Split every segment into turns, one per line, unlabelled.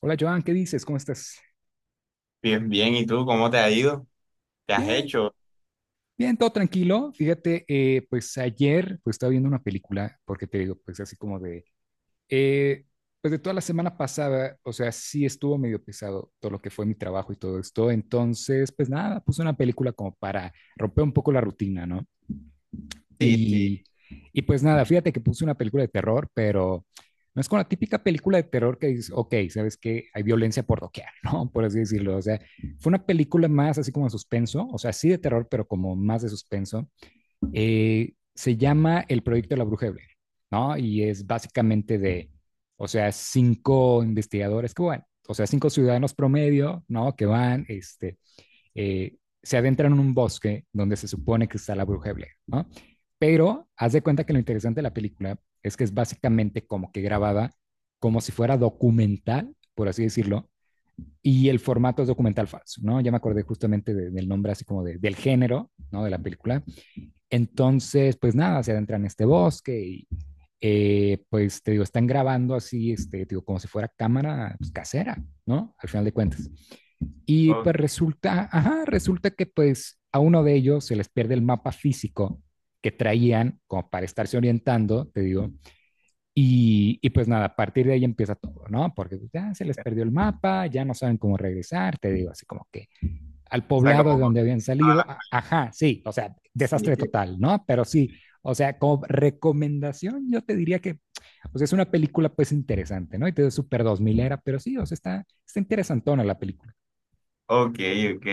Hola Joan, ¿qué dices? ¿Cómo estás?
Bien, bien. ¿Y tú cómo te ha ido? ¿Te has
Bien,
hecho?
bien, todo tranquilo. Fíjate, pues ayer pues estaba viendo una película, porque te digo, pues así como eh, pues de toda la semana pasada, o sea, sí estuvo medio pesado todo lo que fue mi trabajo y todo esto. Entonces, pues nada, puse una película como para romper un poco la rutina, ¿no?
Sí, sí.
Y, y pues nada, fíjate que puse una película de terror, pero no es con la típica película de terror que dices, ok, sabes que hay violencia por doquier, ¿no? Por así decirlo. O sea, fue una película más así como de suspenso, o sea, sí de terror, pero como más de suspenso. Se llama El Proyecto de la Bruja de Blair, ¿no? Y es básicamente de, o sea, cinco investigadores que van, o sea, cinco ciudadanos promedio, ¿no? Que van, este, eh, se adentran en un bosque donde se supone que está la bruja de Blair, ¿no? Pero haz de cuenta que lo interesante de la película es que es básicamente como que grabada como si fuera documental, por así decirlo, y el formato es documental falso, ¿no? Ya me acordé justamente del nombre así como del género, ¿no? De la película. Entonces, pues nada, se adentran en este bosque y pues te digo, están grabando así, este, te digo, como si fuera cámara pues, casera, ¿no? Al final de cuentas.
O
Y
o
pues resulta, ajá, resulta que pues a uno de ellos se les pierde el mapa físico que traían como para estarse orientando, te digo. Y pues nada, a partir de ahí empieza todo, ¿no? Porque pues, ya se les perdió el mapa, ya no saben cómo regresar, te digo, así como que al
sea,
poblado de
como... con
donde habían
toda
salido,
la-
ajá, sí, o sea,
Sí.
desastre total, ¿no? Pero sí, o sea, como recomendación, yo te diría que, o sea, es una película pues interesante, ¿no? Y te digo, súper dos milera, pero sí, o sea, está interesantona la película.
Ok, ok.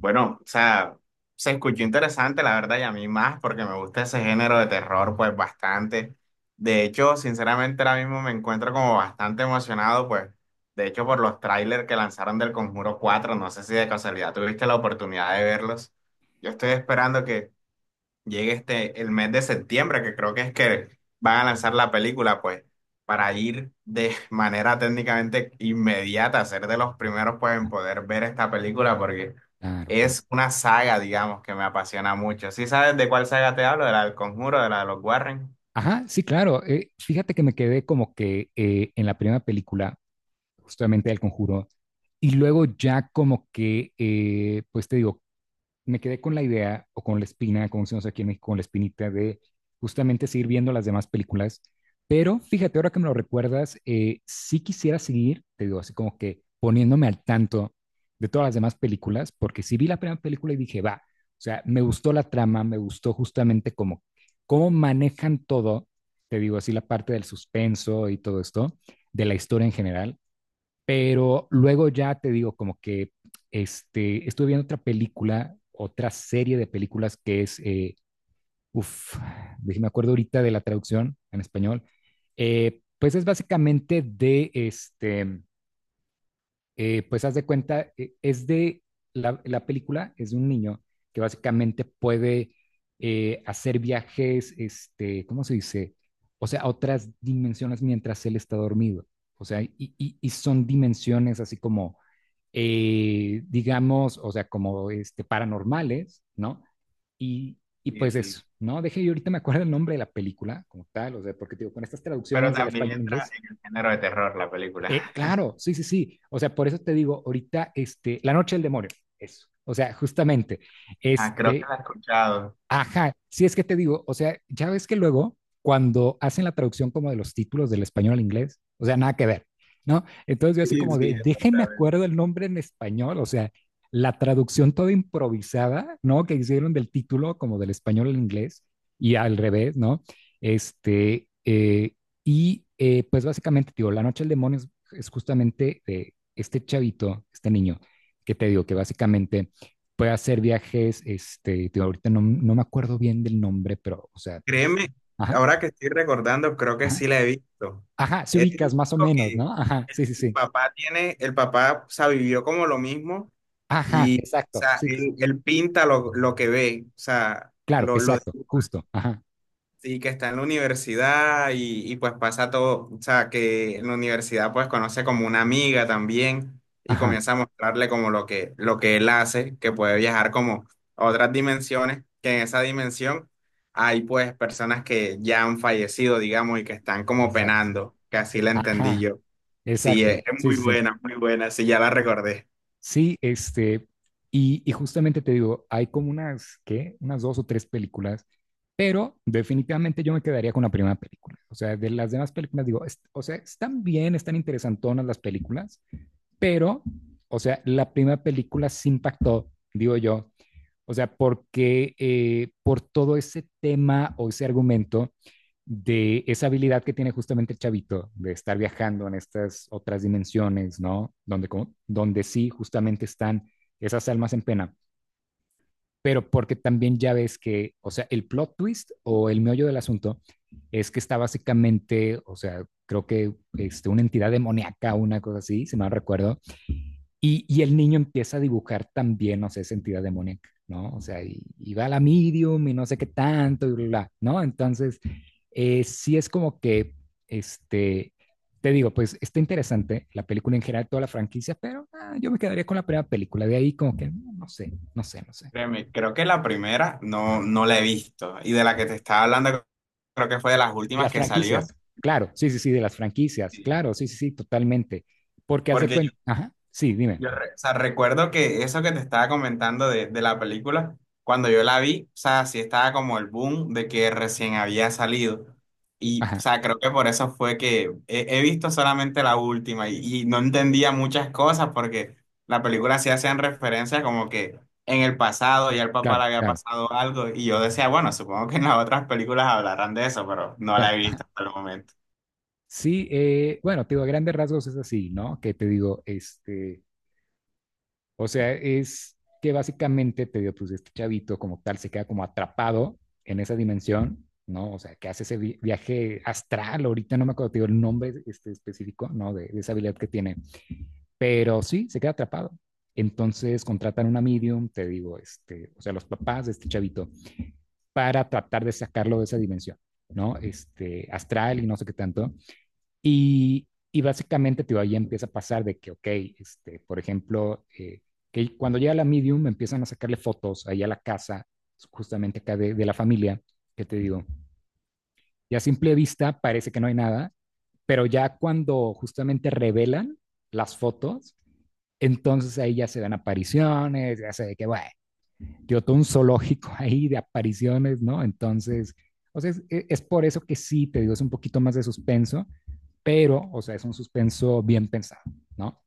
Bueno, o sea, se escuchó interesante, la verdad, y a mí más, porque me gusta ese género de terror, pues bastante. De hecho, sinceramente, ahora mismo me encuentro como bastante emocionado, pues, de hecho, por los trailers que lanzaron del Conjuro cuatro. No sé si de casualidad tuviste la oportunidad de verlos. Yo estoy esperando que llegue este el mes de septiembre, que creo que es que van a lanzar la película, pues, para ir de manera técnicamente inmediata, a ser de los primeros, pues, en poder ver esta película, porque
Claro, claro.
es una saga, digamos, que me apasiona mucho. ¿Sí sabes de cuál saga te hablo? De la del Conjuro, de la de los Warren.
Ajá, sí, claro. Fíjate que me quedé como que en la primera película, justamente del Conjuro, y luego ya como que, pues te digo, me quedé con la idea o con la espina, como decimos aquí en México, con la espinita de justamente seguir viendo las demás películas. Pero fíjate, ahora que me lo recuerdas, sí quisiera seguir, te digo, así como que poniéndome al tanto de todas las demás películas, porque sí vi la primera película y dije, va, o sea, me gustó la trama, me gustó justamente cómo manejan todo, te digo así, la parte del suspenso y todo esto, de la historia en general. Pero luego ya te digo, como que este, estuve viendo otra película, otra serie de películas que es, uff, me acuerdo ahorita de la traducción en español, pues es básicamente de, este, pues haz de cuenta, es de, la película es de un niño que básicamente puede hacer viajes, este, ¿cómo se dice? O sea, a otras dimensiones mientras él está dormido. O sea, y son dimensiones así como digamos, o sea, como este, paranormales, ¿no? Y, y
Sí,
pues
sí.
eso, ¿no? Deje, yo ahorita me acuerdo el nombre de la película como tal, o sea, porque digo, con estas
Pero
traducciones del
también
español al
entra
inglés,
en el género de terror la película.
claro, sí, sí, sí, o sea, por eso te digo, ahorita, este, La Noche del Demonio, eso, o sea, justamente,
Ah, creo que
este,
la he escuchado.
ajá, si es que te digo, o sea, ya ves que luego cuando hacen la traducción como de los títulos del español al inglés, o sea, nada que ver, ¿no? Entonces yo
Sí,
así como
sí,
de, déjenme
exactamente.
acuerdo el nombre en español, o sea, la traducción toda improvisada, ¿no? Que hicieron del título como del español al inglés y al revés, ¿no? Este, y pues básicamente, digo, La Noche del Demonio es justamente de este chavito, este niño, que te digo que básicamente puede hacer viajes, este, digo, ahorita no, no me acuerdo bien del nombre, pero, o sea,
Créeme,
ajá,
ahora que estoy recordando, creo que sí
ajá,
la he visto.
ajá, se
Es
ubicas
un
más o
chico
menos,
que
¿no? Ajá, sí,
el,
sí,
el
sí,
papá tiene, el papá, o sea, vivió como lo mismo
ajá,
y, o
exacto,
sea,
sí, sí, sí,
él pinta lo que ve, o sea,
claro,
lo
exacto,
dibuja.
justo, ajá,
Sí, que está en la universidad y pues pasa todo, o sea, que en la universidad pues conoce como una amiga también y
ajá,
comienza a mostrarle como lo que él hace, que puede viajar como a otras dimensiones, que en esa dimensión hay pues personas que ya han fallecido, digamos, y que están como
exacto,
penando, que así la entendí
ajá,
yo. Sí,
exacto,
es
sí, sí, sí,
muy buena, sí, ya la recordé.
sí, este, y justamente te digo, hay como unas, ¿qué? Unas dos o tres películas, pero definitivamente yo me quedaría con la primera película, o sea, de las demás películas digo, o sea, están bien, están interesantonas las películas, pero, o sea, la primera película se impactó, digo yo, o sea, porque por todo ese tema o ese argumento de esa habilidad que tiene justamente el chavito de estar viajando en estas otras dimensiones, ¿no? Donde sí justamente están esas almas en pena, pero porque también ya ves que, o sea, el plot twist o el meollo del asunto es que está básicamente, o sea, creo que este, una entidad demoníaca, una cosa así, si mal no recuerdo, y el niño empieza a dibujar también, no sé, esa entidad demoníaca, ¿no? O sea, y va a la medium y no sé qué tanto y bla, bla, ¿no? Entonces, sí es como que, este, te digo, pues está interesante la película en general, toda la franquicia, pero ah, yo me quedaría con la primera película, de ahí como que, no, no sé, no sé, no sé.
Créeme, creo que la primera no, no la he visto y de la que te estaba hablando creo que fue de las
De
últimas
las
que salió.
franquicias, claro, sí, sí, sí, de las franquicias, claro, sí, sí, sí, totalmente. Porque haz de
Porque yo,
cuenta, ajá, sí, dime,
yo re- O sea, recuerdo que eso que te estaba comentando de la película, cuando yo la vi, o sea, sí estaba como el boom de que recién había salido. Y, o
ajá,
sea, creo que por eso fue que he, he visto solamente la última y no entendía muchas cosas porque la película sí hacían referencia como que en el pasado ya el papá le
claro,
había
claro,
pasado algo, y yo decía, bueno, supongo que en las otras películas hablarán de eso, pero no
claro,
la he
ajá.
visto hasta el momento.
Sí, bueno, te digo, a grandes rasgos es así, ¿no? Que te digo, este, o sea, es que básicamente te digo, pues este chavito como tal se queda como atrapado en esa dimensión, ¿no? O sea, que hace ese viaje astral, ahorita no me acuerdo, te digo el nombre este, específico, ¿no? De esa habilidad que tiene, pero sí, se queda atrapado. Entonces contratan una medium, te digo, este, o sea, los papás de este chavito, para tratar de sacarlo de esa dimensión, ¿no? Este, astral y no sé qué tanto. Y básicamente, tío, ahí empieza a pasar de que, ok, este, por ejemplo, que cuando llega la medium empiezan a sacarle fotos ahí a la casa, justamente acá de la familia, que te digo, ya a simple vista parece que no hay nada, pero ya cuando justamente revelan las fotos, entonces ahí ya se dan apariciones, ya se ve que, bueno, tío, todo un zoológico ahí de apariciones, ¿no? Entonces, o sea, es por eso que sí, te digo, es un poquito más de suspenso, pero, o sea, es un suspenso bien pensado, ¿no?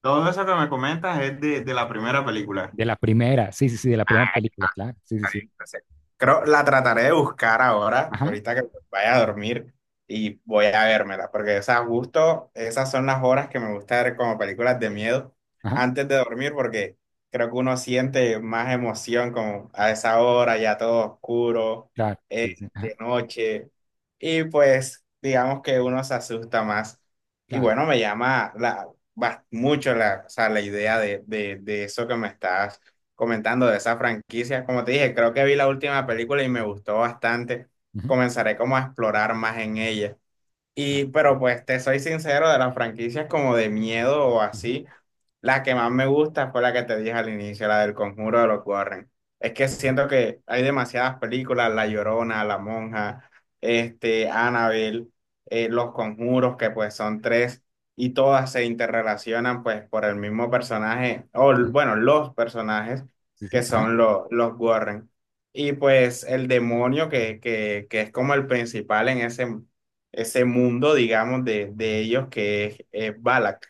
Todo eso que me comentas es de la primera película.
De la primera, sí, sí, sí, de la primera película, claro, sí, sí, sí,
Entonces, creo la trataré de buscar ahora,
ajá,
ahorita que vaya a dormir y voy a vérmela, porque o sea, justo esas son las horas que me gusta ver como películas de miedo
ajá,
antes de dormir, porque creo que uno siente más emoción como a esa hora, ya todo oscuro,
claro, sí, sí,
eh,
sí, ajá,
de noche, y pues digamos que uno se asusta más. Y
claro,
bueno, me llama mucho la, o sea, la idea de eso que me estás comentando de esa franquicia. Como te dije, creo que vi la última película y me gustó bastante.
ujú,
Comenzaré como a explorar más en ella.
claro,
Y, pero pues te soy sincero, de las franquicias como de miedo o
ujú,
así, la que más me gusta fue la que te dije al inicio, la del Conjuro de los Warren. Es que
ujú,
siento que hay demasiadas películas: La Llorona, La Monja, este, Annabelle, Los Conjuros, que pues son tres, y todas se interrelacionan pues por el mismo personaje,
ujú,
bueno, los personajes
sí,
que
sí, ajá,
son los Warren. Y pues el demonio que es como el principal en ese mundo, digamos, de ellos que es Balak.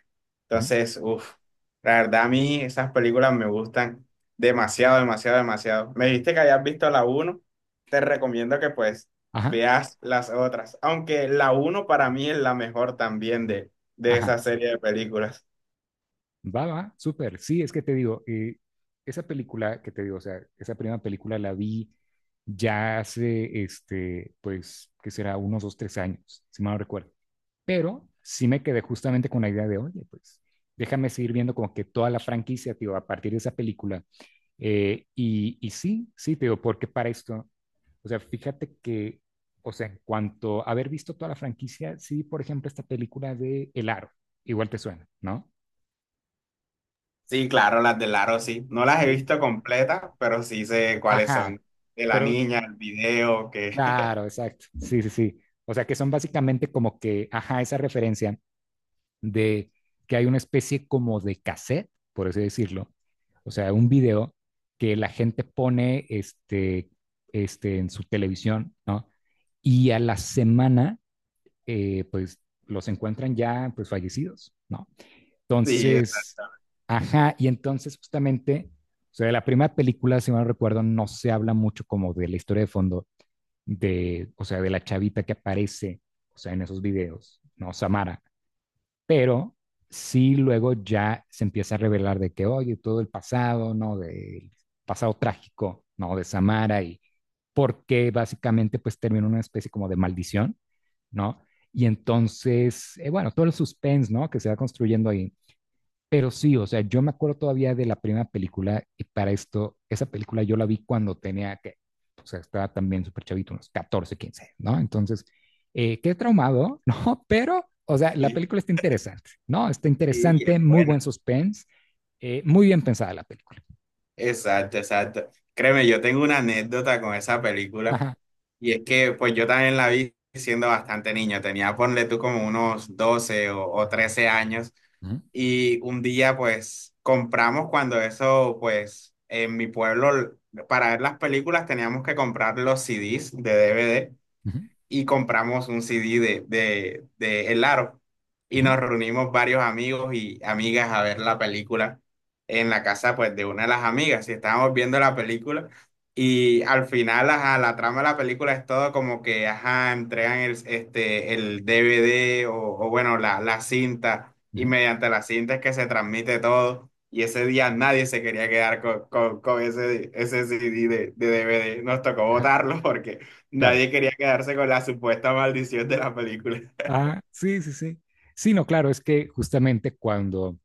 ujú,
Entonces, uff, la verdad a mí esas películas me gustan demasiado, demasiado, demasiado. Me dijiste que hayas visto la uno, te recomiendo que pues
ajá,
veas las otras, aunque la uno para mí es la mejor también de
ajá,
esa serie de películas.
va, va, súper, sí, es que te digo, esa película que te digo, o sea, esa primera película la vi ya hace, este, pues, que será unos 2, 3 años, si mal no recuerdo. Pero sí me quedé justamente con la idea de, oye, pues déjame seguir viendo como que toda la franquicia, tío, a partir de esa película. Y sí, sí, tío, porque para esto, o sea, fíjate que, o sea, en cuanto a haber visto toda la franquicia, sí, por ejemplo, esta película de El Aro, igual te suena, ¿no?
Sí, claro, las de Laro sí. No las he
Sí.
visto completas, pero sí sé cuáles
Ajá,
son. De la
pero
niña, el video, que
claro, exacto, sí, sí, sí. O sea, que son básicamente como que, ajá, esa referencia de que hay una especie como de cassette, por así decirlo, o sea, un video que la gente pone este, en su televisión, ¿no? Y a la semana, pues los encuentran ya pues fallecidos, ¿no?
sí, es
Entonces, ajá, y entonces justamente, o sea, de la primera película, si mal no recuerdo, no se habla mucho como de la historia de fondo de, o sea, de la chavita que aparece, o sea, en esos videos, ¿no? Samara, pero sí luego ya se empieza a revelar de que, oye, todo el pasado, ¿no? Del pasado trágico, ¿no? De Samara y porque básicamente pues termina una especie como de maldición, ¿no? Y entonces, bueno, todo el suspense, ¿no? Que se va construyendo ahí. Pero sí, o sea, yo me acuerdo todavía de la primera película y para esto, esa película yo la vi cuando tenía que, o sea, estaba también súper chavito, unos 14, 15, ¿no? Entonces, qué traumado, ¿no? Pero, o sea, la
así.
película está interesante, ¿no? Está
Sí,
interesante,
es
muy
bueno.
buen suspense, muy bien pensada la película.
Exacto, exacto. Créeme, yo tengo una anécdota con esa película,
Ajá.
y es que pues yo también la vi siendo bastante niño, tenía ponle tú como unos 12 o 13 años,
Ujú,
y un día pues compramos, cuando eso pues en mi pueblo, para ver las películas teníamos que comprar los CDs de DVD,
ujú,
y compramos un CD de El Aro. Y
ujú,
nos reunimos varios amigos y amigas a ver la película en la casa pues de una de las amigas, y estábamos viendo la película y al final ajá, la trama de la película es todo como que ajá, entregan el, este, el DVD o bueno la cinta, y
ujú.
mediante la cinta es que se transmite todo, y ese día nadie se quería quedar con ese, ese CD de DVD, nos tocó
Ajá,
botarlo porque
claro.
nadie quería quedarse con la supuesta maldición de la película.
Ah, sí, sí, sí. Sí, no, claro, es que justamente cuando,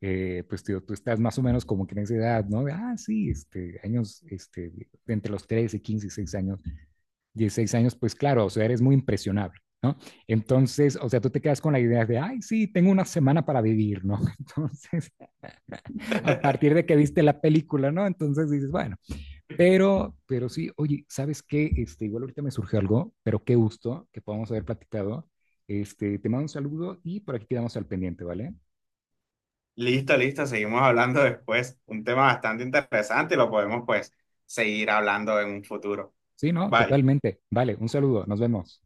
pues, tío, tú estás más o menos como que en esa edad, ¿no? De, ah, sí, este, años, este, de entre los 13, 15, 6 años, 16 años, pues claro, o sea, eres muy impresionable, ¿no? Entonces, o sea, tú te quedas con la idea de, ay, sí, tengo una semana para vivir, ¿no? Entonces, a partir de que viste la película, ¿no? Entonces dices, bueno, pero sí, oye, ¿sabes qué? Este, igual ahorita me surge algo, pero qué gusto que podamos haber platicado. Este, te mando un saludo y por aquí quedamos al pendiente, ¿vale?
Listo, listo, seguimos hablando después. Un tema bastante interesante y lo podemos pues seguir hablando en un futuro.
Sí, no,
Bye.
totalmente. Vale, un saludo, nos vemos.